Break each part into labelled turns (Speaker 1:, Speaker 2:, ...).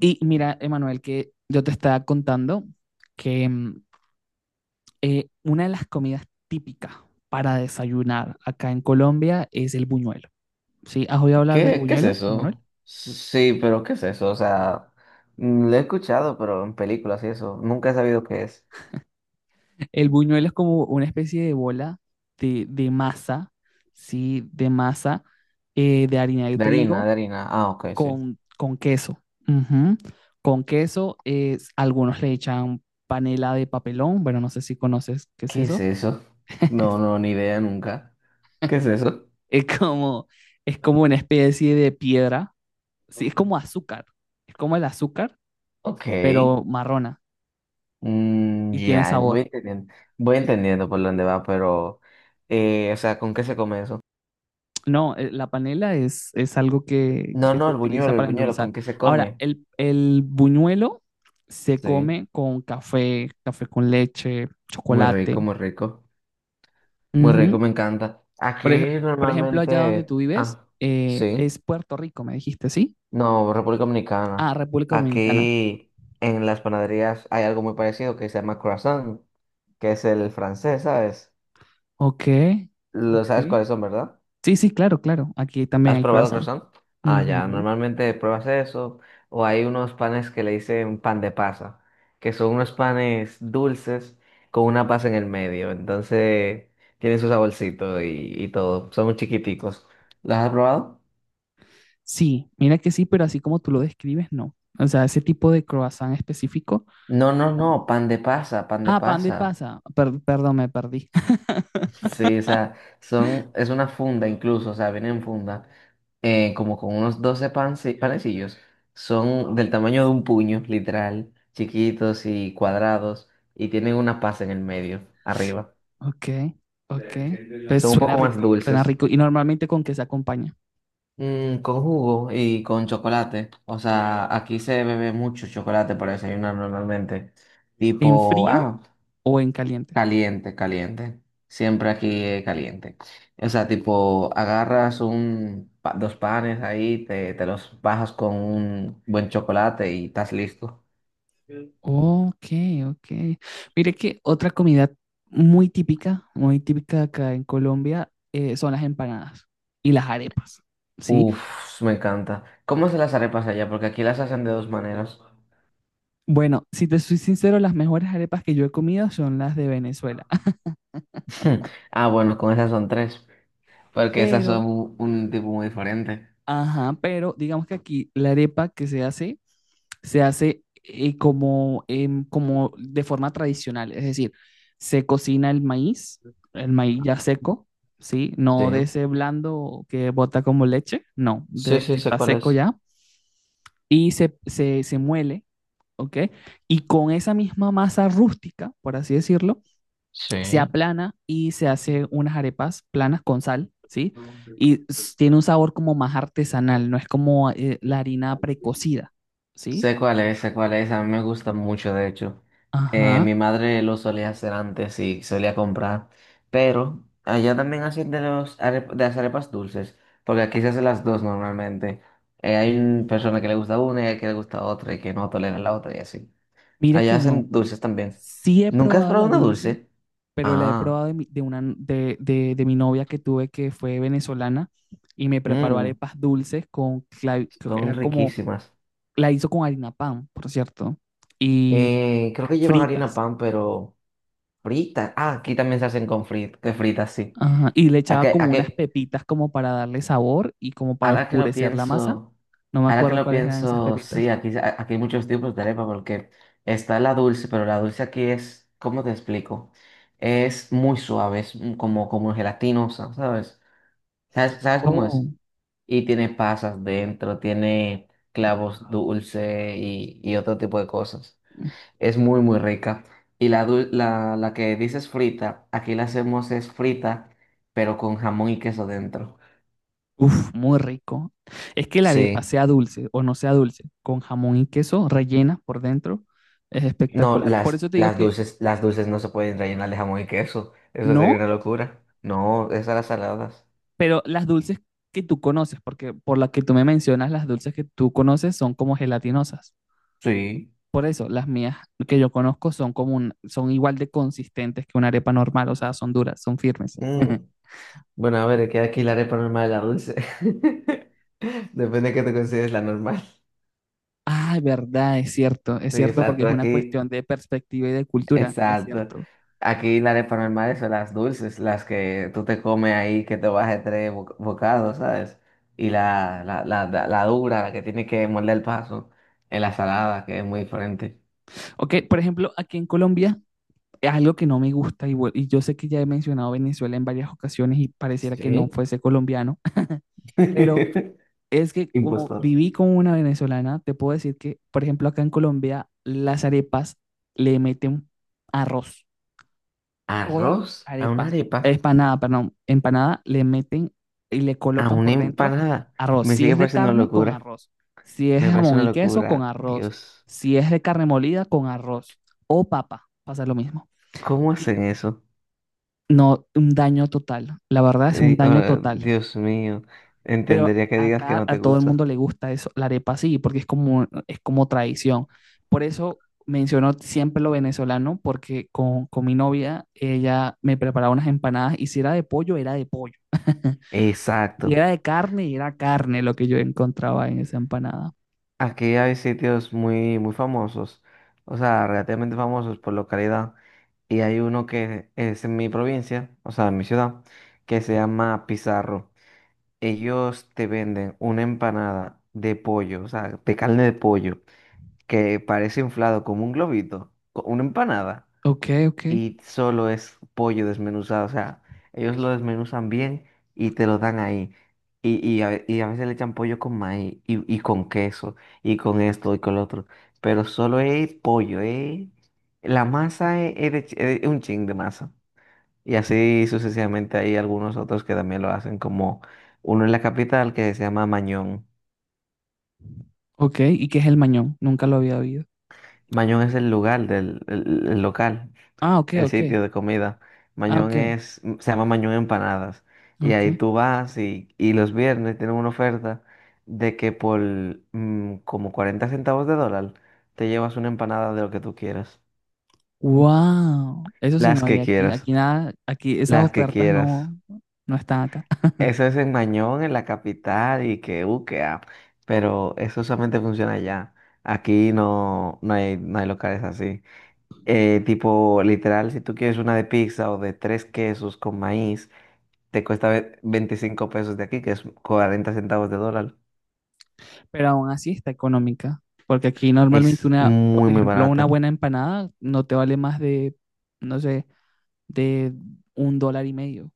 Speaker 1: Y mira, Emanuel, que yo te estaba contando que una de las comidas típicas para desayunar acá en Colombia es el buñuelo. ¿Sí? ¿Has oído hablar del
Speaker 2: ¿Qué es
Speaker 1: buñuelo, Emanuel?
Speaker 2: eso? Sí, pero ¿qué es eso? O sea, lo he escuchado, pero en películas y eso. Nunca he sabido qué es.
Speaker 1: El buñuelo es como una especie de bola de masa, ¿sí? De masa de harina de
Speaker 2: De harina,
Speaker 1: trigo
Speaker 2: de harina. Ah, ok, sí.
Speaker 1: con queso. Ujú. Con queso, algunos le echan panela de papelón. Bueno, no sé si conoces qué es
Speaker 2: ¿Qué es
Speaker 1: eso.
Speaker 2: eso? No, no, ni idea nunca. ¿Qué es eso?
Speaker 1: Es como, es como una especie de piedra. Sí, es como azúcar. Es como el azúcar,
Speaker 2: Ok.
Speaker 1: pero marrona y tiene
Speaker 2: Ya,
Speaker 1: sabor.
Speaker 2: voy entendiendo por dónde va, pero, o sea, ¿con qué se come eso?
Speaker 1: No, la panela es algo que,
Speaker 2: No,
Speaker 1: que
Speaker 2: no,
Speaker 1: se utiliza
Speaker 2: el
Speaker 1: para
Speaker 2: buñuelo,
Speaker 1: endulzar.
Speaker 2: ¿con qué se
Speaker 1: Ahora,
Speaker 2: come?
Speaker 1: el buñuelo se
Speaker 2: Sí,
Speaker 1: come con café, café con leche,
Speaker 2: muy
Speaker 1: chocolate.
Speaker 2: rico, muy rico. Muy rico,
Speaker 1: Ujú.
Speaker 2: me encanta. Aquí
Speaker 1: Por, ej- por ejemplo, allá donde
Speaker 2: normalmente,
Speaker 1: tú vives,
Speaker 2: sí,
Speaker 1: es Puerto Rico, me dijiste, ¿sí?
Speaker 2: no, República Dominicana.
Speaker 1: Ah, República Dominicana.
Speaker 2: Aquí en las panaderías hay algo muy parecido que se llama croissant, que es el francés, ¿sabes?
Speaker 1: Ok,
Speaker 2: Lo sabes
Speaker 1: ok.
Speaker 2: cuáles son, ¿verdad?
Speaker 1: Sí, sí, claro, claro. Aquí también
Speaker 2: ¿Has
Speaker 1: hay
Speaker 2: probado
Speaker 1: croissant.
Speaker 2: croissant? Ah, ya,
Speaker 1: Ujú.
Speaker 2: normalmente pruebas eso, o hay unos panes que le dicen pan de pasa, que son unos panes dulces con una pasa en el medio, entonces tienen su saborcito y todo, son muy chiquiticos. ¿Los has probado?
Speaker 1: Sí, mira que sí, pero así como tú lo describes, no. O sea, ese tipo de croissant específico,
Speaker 2: No, no, no,
Speaker 1: no.
Speaker 2: pan de pasa, pan de
Speaker 1: Ah, pan de
Speaker 2: pasa.
Speaker 1: pasa. Perdón, me perdí.
Speaker 2: Sí, o sea, es una funda incluso, o sea, viene en funda, como con unos 12 panecillos. Son del tamaño de un puño, literal, chiquitos y cuadrados, y tienen una pasa en el medio, arriba.
Speaker 1: Ok, ok. Pues
Speaker 2: Son un
Speaker 1: suena
Speaker 2: poco más
Speaker 1: rico, suena
Speaker 2: dulces.
Speaker 1: rico. ¿Y normalmente con qué se acompaña?
Speaker 2: Mm, con jugo y con chocolate. O sea, aquí se bebe mucho chocolate para desayunar normalmente.
Speaker 1: ¿En
Speaker 2: Tipo,
Speaker 1: frío o en caliente?
Speaker 2: caliente, caliente. Siempre aquí es caliente. O sea, tipo, agarras dos panes ahí, te los bajas con un buen chocolate y estás listo.
Speaker 1: Ok, ok. Mire que otra comida muy típica acá en Colombia, son las empanadas y las arepas, ¿sí?
Speaker 2: Uf, me encanta. ¿Cómo hacen las arepas allá? Porque aquí las hacen de dos maneras.
Speaker 1: Bueno, si te soy sincero, las mejores arepas que yo he comido son las de Venezuela.
Speaker 2: Ah, bueno, con esas son tres. Porque esas
Speaker 1: Pero,
Speaker 2: son un tipo muy diferente.
Speaker 1: ajá, pero digamos que aquí la arepa que se hace como, como de forma tradicional, es decir, se cocina el maíz ya seco, ¿sí?
Speaker 2: Sí.
Speaker 1: No de ese blando que bota como leche, no,
Speaker 2: Sí,
Speaker 1: de
Speaker 2: sí,
Speaker 1: que
Speaker 2: sé
Speaker 1: está
Speaker 2: cuál
Speaker 1: seco
Speaker 2: es.
Speaker 1: ya, y se muele, ¿ok? Y con esa misma masa rústica, por así decirlo, se
Speaker 2: Sí.
Speaker 1: aplana y se hace unas arepas planas con sal, ¿sí? Tiene un sabor como más artesanal, no es como la harina precocida, ¿sí?
Speaker 2: Sé cuál es, a mí me gusta mucho, de hecho.
Speaker 1: Ajá,
Speaker 2: Mi madre lo solía hacer antes y solía comprar, pero allá también hacen de las arepas dulces, porque aquí se hacen las dos normalmente. Hay una persona que le gusta una y hay que le gusta otra y que no tolera la otra y así.
Speaker 1: mira
Speaker 2: Allá
Speaker 1: que no.
Speaker 2: hacen dulces también.
Speaker 1: Sí he
Speaker 2: ¿Nunca has
Speaker 1: probado
Speaker 2: probado
Speaker 1: la
Speaker 2: una
Speaker 1: dulce,
Speaker 2: dulce?
Speaker 1: pero la he
Speaker 2: Ah,
Speaker 1: probado de mi, de una, n- de mi novia que tuve que fue venezolana y me preparó
Speaker 2: mm,
Speaker 1: arepas dulces con, creo que
Speaker 2: son
Speaker 1: era como,
Speaker 2: riquísimas.
Speaker 1: la hizo con harina pan, por cierto, y
Speaker 2: Creo que llevan harina
Speaker 1: fritas.
Speaker 2: pan, pero frita. Ah, aquí también se hacen con frit- que fritas, sí.
Speaker 1: Ajá, y le
Speaker 2: ¿A
Speaker 1: echaba
Speaker 2: qué, a
Speaker 1: como unas
Speaker 2: qué?
Speaker 1: pepitas como para darle sabor y como para
Speaker 2: Ahora que lo
Speaker 1: oscurecer la masa.
Speaker 2: pienso,
Speaker 1: No me
Speaker 2: ahora que
Speaker 1: acuerdo
Speaker 2: lo
Speaker 1: cuáles eran esas
Speaker 2: pienso, sí,
Speaker 1: pepitas.
Speaker 2: aquí, aquí hay muchos tipos de arepa porque está la dulce, pero la dulce aquí es, ¿cómo te explico? Es muy suave, es como, como gelatinosa, ¿sabes? ¿Sabes, sabes cómo es?
Speaker 1: Oh,
Speaker 2: Y tiene pasas dentro, tiene clavos dulce y otro tipo de cosas.
Speaker 1: mm,
Speaker 2: Es muy, muy rica. Y la que dices frita, aquí la hacemos es frita, pero con jamón y queso dentro.
Speaker 1: uf, muy rico. Es que la arepa,
Speaker 2: Sí.
Speaker 1: sea dulce o no sea dulce, con jamón y queso rellena por dentro, es
Speaker 2: No,
Speaker 1: espectacular. Por eso te digo que
Speaker 2: las dulces no se pueden rellenar de jamón y queso. Eso sería una
Speaker 1: no,
Speaker 2: locura. No, esas las saladas.
Speaker 1: pero las dulces que tú conoces, porque por las que tú me mencionas, las dulces que tú conoces son como gelatinosas.
Speaker 2: Sí.
Speaker 1: Por eso, las mías que yo conozco son igual de consistentes que una arepa normal, o sea, son duras, son firmes.
Speaker 2: Mm, Bueno, a ver, queda aquí la arepa normal de la dulce. Depende de qué te consideres la normal.
Speaker 1: Ah, verdad, es
Speaker 2: Sí,
Speaker 1: cierto porque es una cuestión de perspectiva y de cultura, es
Speaker 2: exacto.
Speaker 1: cierto.
Speaker 2: Aquí la arepa normal son las dulces, las que tú te comes ahí, que te bajes tres bocados, ¿sabes? Y la dura, la que tiene que morder el paso, en la salada, que es muy diferente.
Speaker 1: Ok, por ejemplo, aquí en Colombia es algo que no me gusta y, y yo sé que ya he mencionado Venezuela en varias ocasiones y pareciera que no
Speaker 2: Sí.
Speaker 1: fuese colombiano, pero es que como
Speaker 2: Impostor.
Speaker 1: viví con una venezolana, te puedo decir que, por ejemplo, acá en Colombia las arepas le meten arroz. Toda
Speaker 2: Arroz a una
Speaker 1: arepa,
Speaker 2: arepa,
Speaker 1: empanada, perdón, empanada, le meten y le
Speaker 2: a
Speaker 1: colocan
Speaker 2: una
Speaker 1: por dentro
Speaker 2: empanada.
Speaker 1: arroz.
Speaker 2: Me
Speaker 1: Si es
Speaker 2: sigue
Speaker 1: de
Speaker 2: pareciendo una
Speaker 1: carne, con
Speaker 2: locura.
Speaker 1: arroz. Si es
Speaker 2: Me parece
Speaker 1: jamón
Speaker 2: una
Speaker 1: y queso, con
Speaker 2: locura.
Speaker 1: arroz.
Speaker 2: Dios,
Speaker 1: Si es de carne molida, con arroz. O papa, pasa lo mismo.
Speaker 2: ¿cómo
Speaker 1: Y
Speaker 2: hacen eso?
Speaker 1: no, un daño total. La verdad es un daño total.
Speaker 2: Dios mío,
Speaker 1: Pero
Speaker 2: entendería que digas que
Speaker 1: acá
Speaker 2: no te
Speaker 1: a todo el
Speaker 2: gusta.
Speaker 1: mundo le gusta eso, la arepa sí, porque es como tradición. Por eso menciono siempre lo venezolano, porque con mi novia, ella me preparaba unas empanadas y si era de pollo, era de pollo. Y
Speaker 2: Exacto.
Speaker 1: era de carne y era carne lo que yo encontraba en esa empanada.
Speaker 2: Aquí hay sitios muy, muy famosos, o sea, relativamente famosos por localidad. Y hay uno que es en mi provincia, o sea, en mi ciudad, que se llama Pizarro. Ellos te venden una empanada de pollo, o sea, de carne de pollo, que parece inflado como un globito, una empanada,
Speaker 1: Ok, ok,
Speaker 2: y solo es pollo desmenuzado, o sea, ellos lo desmenuzan bien y te lo dan ahí. Y a veces le echan pollo con maíz y con queso y con esto y con lo otro, pero solo es pollo, es... La masa es, es un chin de masa. Y así sucesivamente hay algunos otros que también lo hacen, como uno en la capital que se llama Mañón.
Speaker 1: ok. ¿Y qué es el mañón? Nunca lo había oído.
Speaker 2: Mañón es el lugar del el local,
Speaker 1: Ah, ok,
Speaker 2: el
Speaker 1: ok.
Speaker 2: sitio de comida.
Speaker 1: Ah,
Speaker 2: Mañón
Speaker 1: ok,
Speaker 2: es, se llama Mañón Empanadas. Y
Speaker 1: ok.
Speaker 2: ahí tú vas y los viernes tienen una oferta de que por como 40 centavos de dólar te llevas una empanada de lo que tú quieras.
Speaker 1: Wow. Eso sí
Speaker 2: Las
Speaker 1: no hay
Speaker 2: que
Speaker 1: aquí.
Speaker 2: quieras,
Speaker 1: Aquí nada, aquí esas
Speaker 2: las que
Speaker 1: ofertas
Speaker 2: quieras.
Speaker 1: no, no están acá.
Speaker 2: Eso es en Mañón, en la capital, pero eso solamente funciona allá. Aquí no, no hay, no hay locales así. Tipo, literal, si tú quieres una de pizza o de tres quesos con maíz, te cuesta 25 pesos de aquí, que es 40 centavos de dólar.
Speaker 1: Pero aún así está económica, porque aquí normalmente
Speaker 2: Es
Speaker 1: una,
Speaker 2: muy,
Speaker 1: por
Speaker 2: muy
Speaker 1: ejemplo, una
Speaker 2: barata.
Speaker 1: buena empanada no te vale más de, no sé, de $1.50.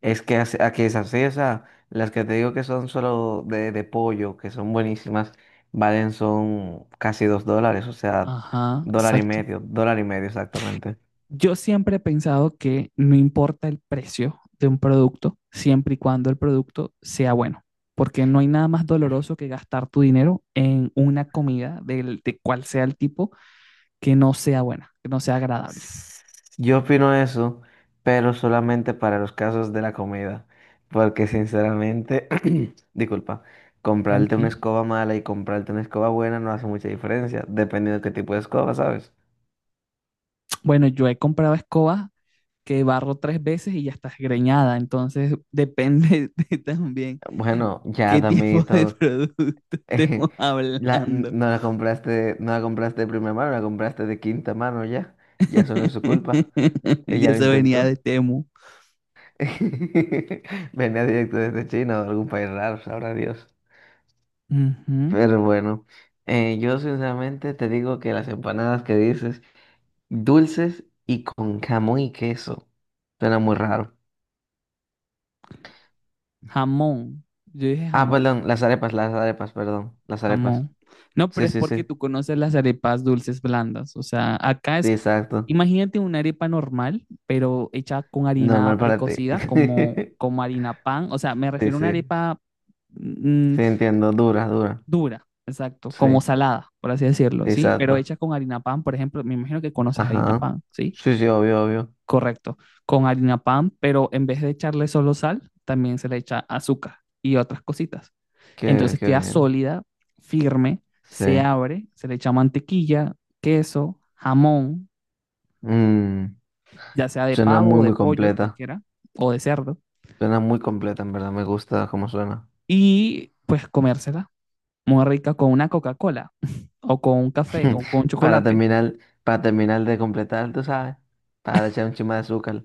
Speaker 2: Es que a que es así, o sea, las que te digo que son solo de pollo, que son buenísimas, valen son casi 2 dólares, o sea,
Speaker 1: Ajá, exacto.
Speaker 2: dólar y medio exactamente.
Speaker 1: Yo siempre he pensado que no importa el precio de un producto, siempre y cuando el producto sea bueno, porque no hay nada más doloroso que gastar tu dinero en una comida del, de cual sea el tipo que no sea buena, que no sea agradable.
Speaker 2: S- Yo opino eso, pero solamente para los casos de la comida, porque sinceramente, disculpa, comprarte una
Speaker 1: Tranquilo.
Speaker 2: escoba mala y comprarte una escoba buena no hace mucha diferencia, dependiendo de qué tipo de escoba, ¿sabes?
Speaker 1: Bueno, yo he comprado escobas que barro tres veces y ya estás greñada. Entonces, depende de también
Speaker 2: Bueno, ya,
Speaker 1: qué tipo de
Speaker 2: Damito.
Speaker 1: producto estemos
Speaker 2: La,
Speaker 1: hablando.
Speaker 2: no la compraste, no la compraste de primera mano, la compraste de quinta mano ya. Ya eso no es su culpa.
Speaker 1: Y
Speaker 2: Ella lo
Speaker 1: eso venía de
Speaker 2: intentó.
Speaker 1: Temu.
Speaker 2: Venía directo desde China o de algún país raro, sabrá Dios.
Speaker 1: Ujú.
Speaker 2: Pero bueno, yo sinceramente te digo que las empanadas que dices, dulces y con jamón y queso, suena muy raro.
Speaker 1: Jamón. Yo dije
Speaker 2: Ah,
Speaker 1: jamón,
Speaker 2: perdón, las arepas, perdón, las arepas.
Speaker 1: jamón. No, pero
Speaker 2: Sí,
Speaker 1: es
Speaker 2: sí,
Speaker 1: porque
Speaker 2: sí,
Speaker 1: tú conoces las arepas dulces blandas. O sea, acá
Speaker 2: sí,
Speaker 1: es,
Speaker 2: exacto.
Speaker 1: imagínate una arepa normal, pero hecha con harina
Speaker 2: Normal para ti.
Speaker 1: precocida, como, como harina pan. O sea, me
Speaker 2: Sí,
Speaker 1: refiero a una
Speaker 2: sí.
Speaker 1: arepa. mm,
Speaker 2: Sí, entiendo, dura, dura.
Speaker 1: Dura, exacto, como
Speaker 2: Sí,
Speaker 1: salada, por así decirlo, ¿sí? Pero
Speaker 2: exacto.
Speaker 1: hecha con harina pan, por ejemplo, me imagino que conoces harina
Speaker 2: Ajá.
Speaker 1: pan, ¿sí?
Speaker 2: Sí, sí, obvio, obvio.
Speaker 1: Correcto, con harina pan, pero en vez de echarle solo sal, también se le echa azúcar y otras cositas.
Speaker 2: Qué,
Speaker 1: Entonces
Speaker 2: qué
Speaker 1: queda
Speaker 2: bien.
Speaker 1: sólida, firme, se
Speaker 2: Sí.
Speaker 1: abre, se le echa mantequilla, queso, jamón,
Speaker 2: Mm,
Speaker 1: ya sea de
Speaker 2: suena
Speaker 1: pavo
Speaker 2: muy,
Speaker 1: o de
Speaker 2: muy
Speaker 1: pollo,
Speaker 2: completa.
Speaker 1: cualquiera, o de cerdo,
Speaker 2: Suena muy completa, en verdad. Me gusta cómo suena.
Speaker 1: y pues comérsela muy rica con una Coca-Cola o con un café o con
Speaker 2: Para
Speaker 1: chocolate.
Speaker 2: terminar, para terminar de completar, tú sabes, para echar un chima de azúcar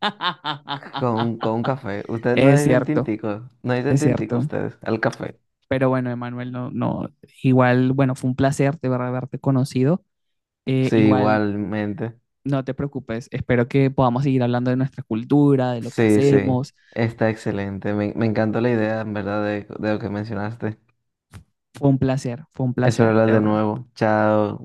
Speaker 2: con un café. Ustedes no
Speaker 1: Es
Speaker 2: dicen
Speaker 1: cierto,
Speaker 2: tintico, no dicen
Speaker 1: es
Speaker 2: tintico
Speaker 1: cierto.
Speaker 2: ustedes, al café.
Speaker 1: Pero bueno, Emanuel, no, no, igual, bueno, fue un placer de verdad haberte conocido.
Speaker 2: Sí,
Speaker 1: Igual,
Speaker 2: igualmente.
Speaker 1: no te preocupes, espero que podamos seguir hablando de nuestra cultura, de lo que
Speaker 2: Sí, sí.
Speaker 1: hacemos.
Speaker 2: Está excelente. Me encantó la idea, en verdad, de lo que mencionaste.
Speaker 1: Fue un placer,
Speaker 2: Espero hablar
Speaker 1: de
Speaker 2: de
Speaker 1: verdad.
Speaker 2: nuevo. Chao.